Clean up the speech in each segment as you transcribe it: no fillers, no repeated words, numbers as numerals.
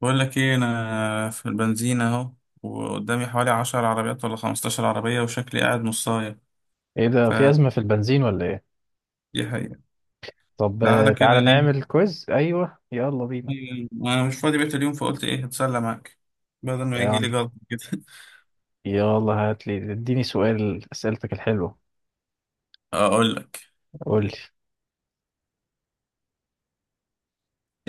بقول لك ايه انا في البنزينة اهو وقدامي حوالي 10 عربيات ولا 15 عربية وشكلي قاعد نصاية ايه ده، في أزمة فدي في البنزين ولا ايه؟ حقيقة. طب كنت قاعدة كده تعالى ليه؟ نعمل كويز. ايوه، يلا بينا. انا مش فاضي بقيت اليوم فقلت ايه هتسلى معاك بدل ما يجي لي يلا جلطة كده. يلا، هات لي اديني سؤال، أسئلتك الحلوة. اقول لك قول لي.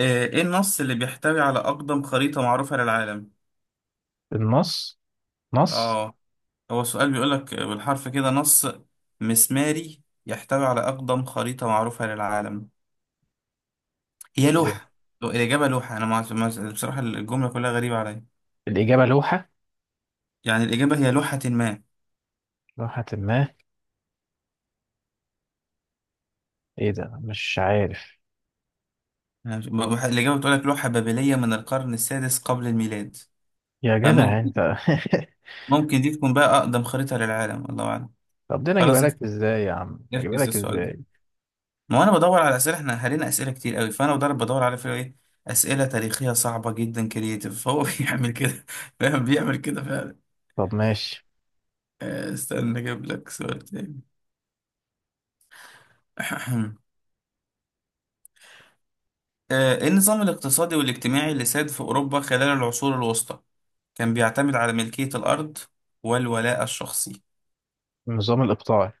ايه، إيه النص اللي بيحتوي على اقدم خريطة معروفة للعالم؟ النص نص اه، هو السؤال بيقول لك بالحرف كده: نص مسماري يحتوي على اقدم خريطة معروفة للعالم. هي إيه. لوحة. الإجابة لوحة. أنا ما ما- بصراحة الجملة كلها غريبة عليا. الإجابة لوحة، يعني الإجابة هي لوحة ما. لوحة ما. ايه ده، مش عارف. أنا مش- ب- الإجابة بتقول لك لوحة بابلية من القرن السادس قبل الميلاد. يا جدع فممكن انت. دي تكون بقى أقدم خريطة للعالم، الله أعلم. طب ده انا اجيبها خلاص، افكس لك ازاي يا عم، اجيبها افكس لك السؤال ده. ازاي. ما هو أنا بدور على أسئلة، إحنا هرينا أسئلة كتير قوي، فأنا بدور على فيه إيه أسئلة تاريخية صعبة جدا كرييتيف، فهو بيعمل كده. فاهم بيعمل كده فعلا. طب ماشي. استنى أجيب لك سؤال تاني. إيه النظام الاقتصادي والاجتماعي اللي ساد في أوروبا خلال العصور الوسطى، كان بيعتمد على ملكية الأرض والولاء الشخصي؟ النظام الإقطاعي.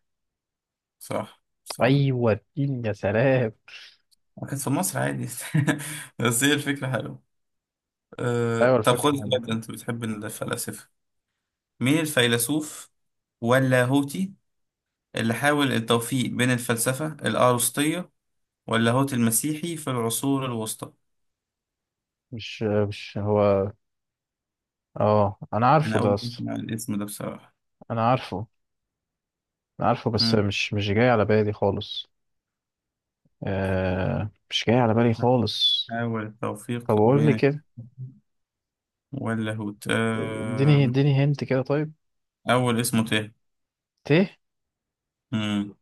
صح صح. ايوه، اديني يا سلام. كانت في مصر عادي. بس هي الفكرة حلوة. ايوه، طب خد الفكرة حلوة السؤال ده، كمان. انت بتحب الفلاسفة. مين الفيلسوف واللاهوتي اللي حاول التوفيق بين الفلسفة الأرسطية واللاهوت المسيحي في العصور الوسطى؟ مش هو. اه، انا عارفه أنا ده أول مرة اصلا. أسمع الاسم ده بصراحة. انا عارفه. أنا عارفه، بس مم. مش جاي على بالي خالص. مش جاي على بالي خالص. حاول طب التوفيق قول لي بين كده. واللاهوت اديني اديني هنت كده، طيب. أول اسمه تاه. ت، مم.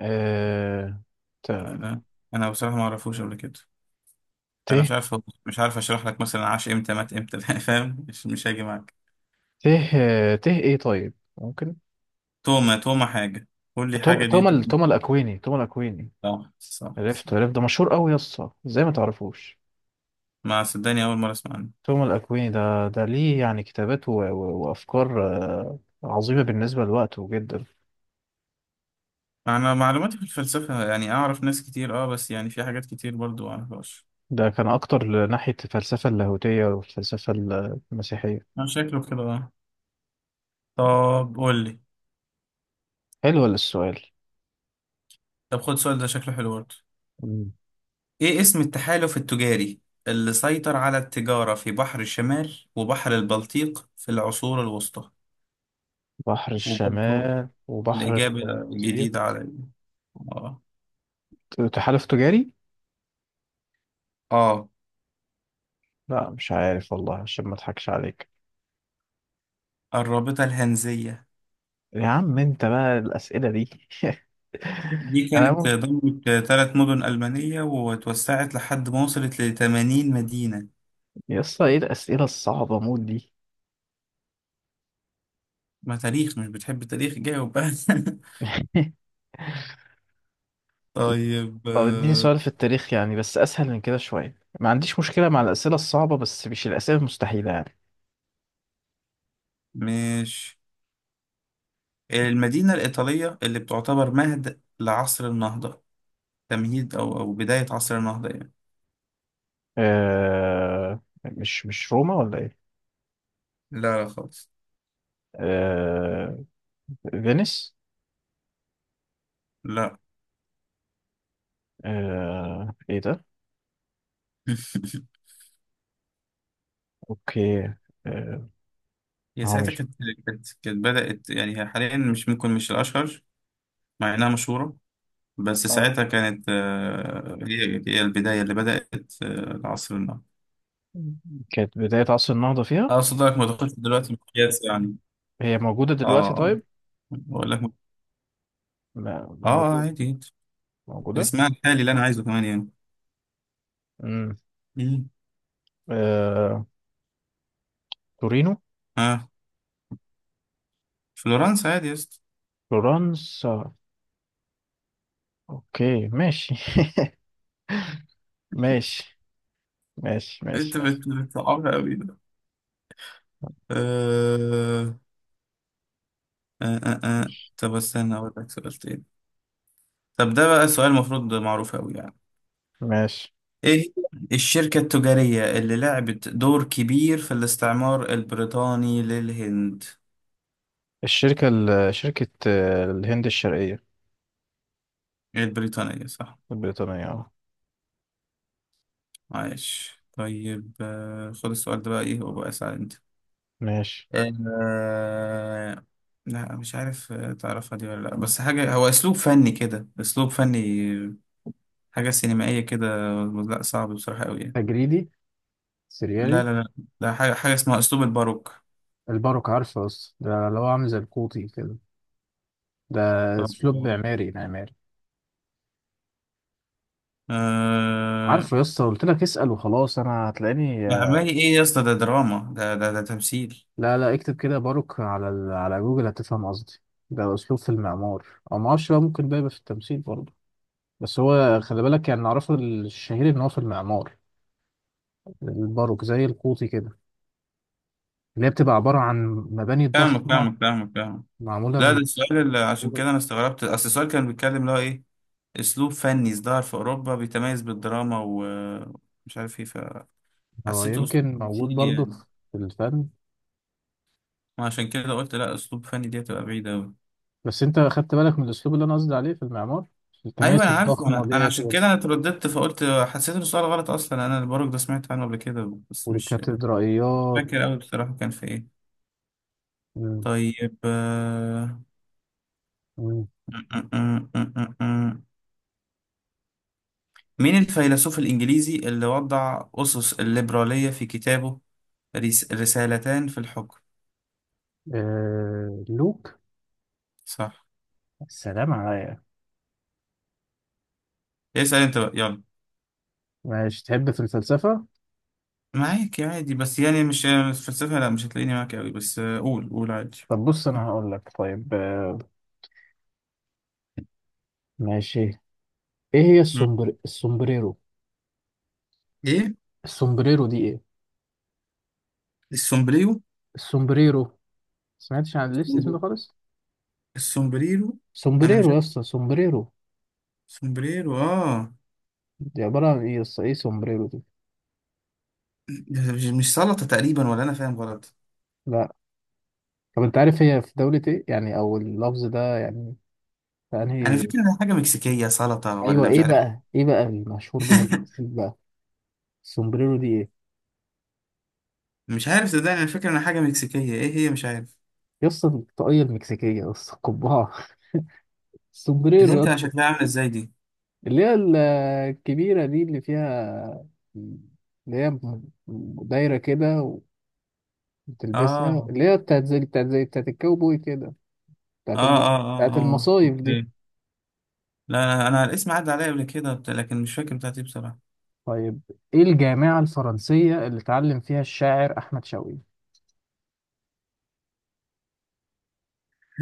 آه ت، أنا أنا بصراحة ما أعرفوش قبل كده. ت، انا مش عارف اشرح لك مثلا عاش امتى مات امتى فاهم، مش هاجي معاك. ت، ت، ايه؟ طيب، ممكن توما حاجه، قول لي حاجه، دي توما، توما تبقى- الاكويني، توما الاكويني. صح صح صح. عرفت ده، مشهور قوي يا اسطى، ازاي ما تعرفوش؟ ما صدقني اول مره اسمع عنه. توما الاكويني ده، ليه يعني كتابات وافكار عظيمة بالنسبة لوقته جدا. انا معلوماتي في الفلسفه يعني اعرف ناس كتير، اه، بس يعني في حاجات كتير برضو ما اعرفهاش. ده كان أكتر ناحية الفلسفة اللاهوتية والفلسفة المسيحية. انا شكله كده، اه. طب قول لي. حلو السؤال. طب خد سؤال ده شكله حلو برضو. مم. ايه اسم التحالف التجاري اللي سيطر على التجاره في بحر الشمال وبحر البلطيق في العصور الوسطى؟ بحر وبرضو الشمال وبحر الاجابه البلطيق. جديده علي. تحالف تجاري؟ اه، لا، مش عارف والله، عشان ما اضحكش عليك. الرابطة الهنزية. يا عم انت بقى، الأسئلة دي. دي انا كانت م... ضمت 3 مدن ألمانية وتوسعت لحد ما وصلت ل80 مدينة. يا اسطى، ايه الأسئلة الصعبة موت دي. ما تاريخ، مش بتحب التاريخ؟ جاوب بقى. طيب، طب اديني سؤال في التاريخ يعني، بس أسهل من كده شوية. ما عنديش مشكلة مع الأسئلة الصعبة، بس مش الأسئلة المستحيلة يعني. مش المدينة الإيطالية اللي بتعتبر مهد لعصر النهضة، تمهيد أو بداية عصر النهضة يعني؟ مش روما ولا ايه؟ لا لا خالص. أه... فينيس. لا. ايه ده؟ اوكي. آه، هي هو ساعتها مش. كانت، كانت بدأت، يعني هي حاليا مش ممكن مش الأشهر، مع إنها مشهورة، بس اه، ساعتها كانت، هي البداية اللي بدأت العصر النهضة. كانت بداية عصر النهضة فيها. أقصد لك ما تاخدش دلوقتي مقياس يعني. هي موجودة دلوقتي آه طيب. بقول لك م-، موجودة. عادي جدا. موجودة. اسمها الحالي اللي أنا عايزه كمان يعني. امم مم. آه... تورينو. آه فلورنسا عادي يا اسطى. فلورنسا. اوكي ماشي. ماشي ماشي. أنت ماشي بتصعبها أوي ده. آه ماشي طب استنى أقول لك سؤال تاني. طب ده بقى سؤال المفروض معروف أوي يعني. ماشي. إيه هي الشركة التجارية اللي لعبت دور كبير في الاستعمار البريطاني للهند؟ الشركة شركة الهند الشرقية. البريطانية صح. البريطانية اه. عايش. طيب، خد السؤال ده بقى ايه وبقى اسأل انت. ماشي. آه... لا مش عارف، تعرفها دي ولا لا؟ بس حاجة، هو اسلوب فني كده، اسلوب فني، حاجة سينمائية كده. لا صعب بصراحة قوي يعني. تجريدي. لا سريالي. لا لا. لا، حاجة اسمها اسلوب الباروك. الباروك عارفه، بس ده اللي هو عامل زي القوطي كده. ده طب اسلوب معماري معماري. آه... عارفه يا اسطى، قلت لك اسأل وخلاص، انا هتلاقيني. عمالي ايه يا اسطى، ده دراما، ده ده ده تمثيل. لا، لا، اكتب كده باروك على جوجل هتفهم قصدي. ده اسلوب في المعمار. او ما اعرفش بقى، ممكن ده يبقى في التمثيل برضه. بس هو خلي بالك، يعني نعرفه الشهير ان هو في المعمار. الباروك زي القوطي كده، اللي هي بتبقى عبارة عن مباني فاهمك ضخمة فاهمك فاهمك فاهمك. معمولة لا ده من. السؤال اللي عشان كده انا استغربت، اصل السؤال كان بيتكلم اللي هو ايه: اسلوب فني ازدهر في اوروبا بيتميز بالدراما ومش عارف ايه، هو فحسيته اسلوب يمكن موجود تمثيلي برضه يعني. في الفن. وعشان كده قلت لا، اسلوب فني دي هتبقى بعيده قوي. بس انت خدت بالك من الاسلوب اللي انا قصدي عليه في المعمار، ايوه الكنائس انا عارفه، الضخمة انا ديت عشان كده انا اترددت، فقلت حسيت ان السؤال غلط اصلا. انا البرج ده سمعت عنه قبل كده بس مش والكاتدرائيات. فاكر قوي بصراحه كان في ايه. مم. طيب، مم. م- م- م- م- م- مين الفيلسوف الانجليزي اللي وضع اسس الليبراليه في كتابه، رسالتان في الحكم؟ لوك. صح. السلام عليا. اسال انت بقى يلا. ماشي، تحب في الفلسفة. معاك عادي بس يعني مش الفلسفة، لا مش هتلاقيني معاك قوي، بس قول عادي. طب بص أنا هقول لك طيب، ماشي. إيه هي مم. السومبريرو. ايه السومبريرو دي إيه؟ السومبريرو السومبريرو. سمعتش عن اسم ده خالص. السومبريرو انا مش سومبريرو يا عارف. اسطى، سومبريرو. سومبريرو، دي عبارة عن إيه يا اسطى، إيه سومبريرو دي. ده مش سلطة تقريبا ولا انا فاهم غلط؟ لا. طب أنت عارف هي في دولة إيه يعني، أو اللفظ ده يعني في انا أنهي؟ فاكر انها حاجة مكسيكية سلطة أيوه، ولا مش إيه عارف. بقى إيه بقى المشهور بيها المكسيك بقى. السومبريرو دي إيه مش عارف صدقني، انا فاكر انها حاجة مكسيكية، ايه هي مش عارف. يا اسطى، الطاقية المكسيكية يا اسطى، القبعة. اللي هي السومبريرو يا بتبقى اسطى، شكلها عاملة ازاي دي؟ اللي هي الكبيرة دي اللي فيها، اللي هي دايرة كده وتلبسها، اه اللي هي بتاعت الكاوبوي كده، اه اه اه بتاعت اه المصايف دي. اوكي. لا انا، الاسم عدى عليا قبل كده لكن مش فاكر بتاعتي بصراحة. طيب، ايه الجامعة الفرنسية اللي اتعلم فيها الشاعر أحمد شوقي؟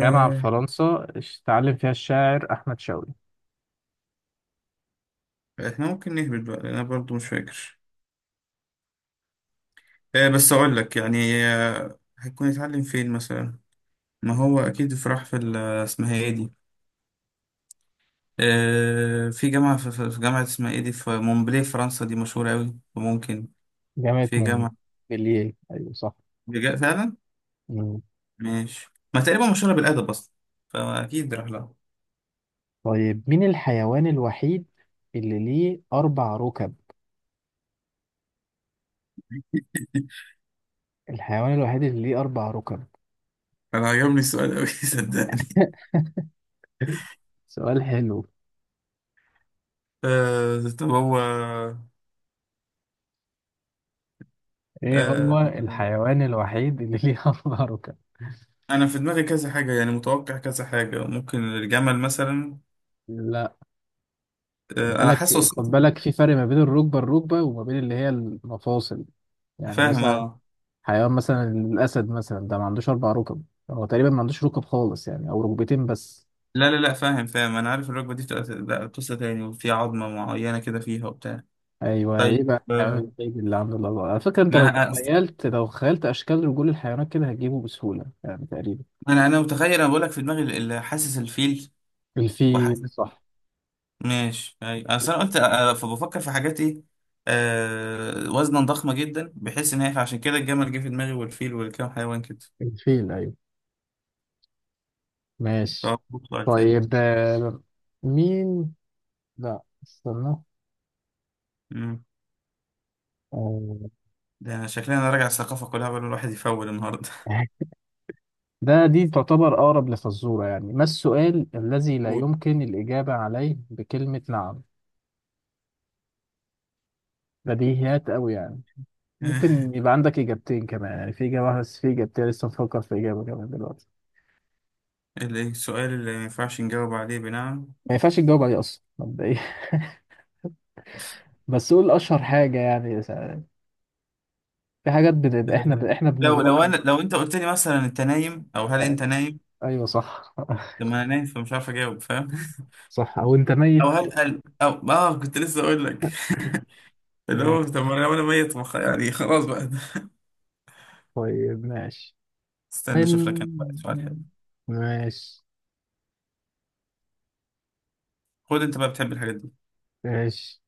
جامعة في فرنسا، اتعلم فيها الشاعر أحمد شوقي. احنا ممكن نهبط بقى، لأن انا برضو مش فاكر. بس اقول لك يعني هيكون يتعلم فين مثلا. ما هو اكيد في راح في اسمها ايه دي، في جامعة في جامعة اسمها ايه دي، في مونبلي فرنسا، دي مشهورة اوي وممكن. جامعة في جامعة، مونبellier، أيوة صح. فعلا. مم. ماشي، ما تقريبا مشهورة بالادب اصلا، فاكيد راح لها. طيب، مين الحيوان الوحيد اللي ليه أربع ركب؟ الحيوان الوحيد اللي ليه أربع ركب. انا عجبني السؤال اوي صدقني. سؤال حلو. طب هو، ايه آه هو الحيوان الوحيد اللي ليه اربع ركب؟ انا في دماغي كذا حاجة يعني، متوقع كذا حاجة، ممكن الجمل مثلا. لا، خد انا بالك، حاسس خد وصلت. بالك، في فرق ما بين الركبه الركبه وما بين اللي هي المفاصل. يعني فاهم، مثلا اه. حيوان مثلا الاسد مثلا، ده ما عندوش اربع ركب. هو تقريبا ما عندوش ركب خالص يعني، او ركبتين بس. لا لا لا، فاهم فاهم. انا عارف الركبه دي بتبقى، لا، قصه تاني وفي عظمه معينه كده فيها وبتاع. ايوه، ايه طيب، بقى الحيوان الوحيد اللي عنده الاربع؟ على فكره انت ما انا، لو خيلت اشكال رجول الحيوانات كده هتجيبه بسهوله يعني تقريبا. انا متخيل، انا بقول لك في دماغي حاسس الفيل الفيل وحاسس. صح. ماشي، اي اصل انا قلت، فبفكر في حاجات ايه، وزنا ضخمه جدا بحيث ان هي عشان كده الجمل جه في دماغي والفيل والكام حيوان كده. الفيل ايوه. ماشي. فهو سؤال تاني. طيب، مين، لا استنى، مم. آه، ده انا شكلي انا راجع الثقافه كلها بقى الواحد يفول النهارده. دي تعتبر أقرب لفزورة يعني، ما السؤال الذي لا قول. يمكن الإجابة عليه بكلمة نعم. بديهيات أوي يعني. ممكن يبقى عندك إجابتين كمان يعني، في إجابة واحدة بس في إجابتين، لسه مفكر في إجابة كمان دلوقتي. الايه السؤال اللي ما ينفعش نجاوب عليه بنعم. ما ينفعش تجاوب عليه أصلا مبدئيا. بس قول أشهر حاجة يعني، في حاجات بنبقى إحنا إحنا لو بنغلط. لو انا لو انت قلت لي مثلا انت نايم او هل آه، انت نايم، أيوه صح. لما انا نايم فمش عارف اجاوب، فاهم؟ صح، أو أنت او ميت. هل قال او كنت لسه اقول لك اللي هو طب، ما ماشي. انا وأنا ميت ما خ- يعني خلاص بقى. طيب ماشي استنى اشوف لك انا بقى ماشي سؤال حلو. ماشي خد انت بقى بتحب الحاجات دي. ماشي.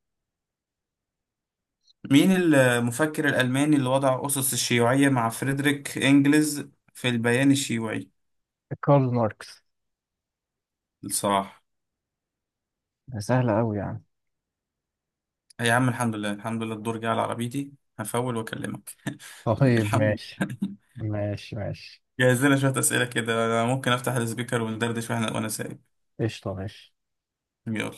مين المفكر الالماني اللي وضع اسس الشيوعيه مع فريدريك انجلز في البيان الشيوعي؟ كارل ماركس. الصراحه، سهلة أوي يعني. يا عم الحمد لله الحمد لله، الدور جه على عربيتي، هفول واكلمك. طيب الحمد ماشي. لله. ماشي ماشي جهز لنا شوية أسئلة كده، أنا ممكن أفتح السبيكر وندردش وإحنا وأنا سايق. قشطة ماشي. يلا.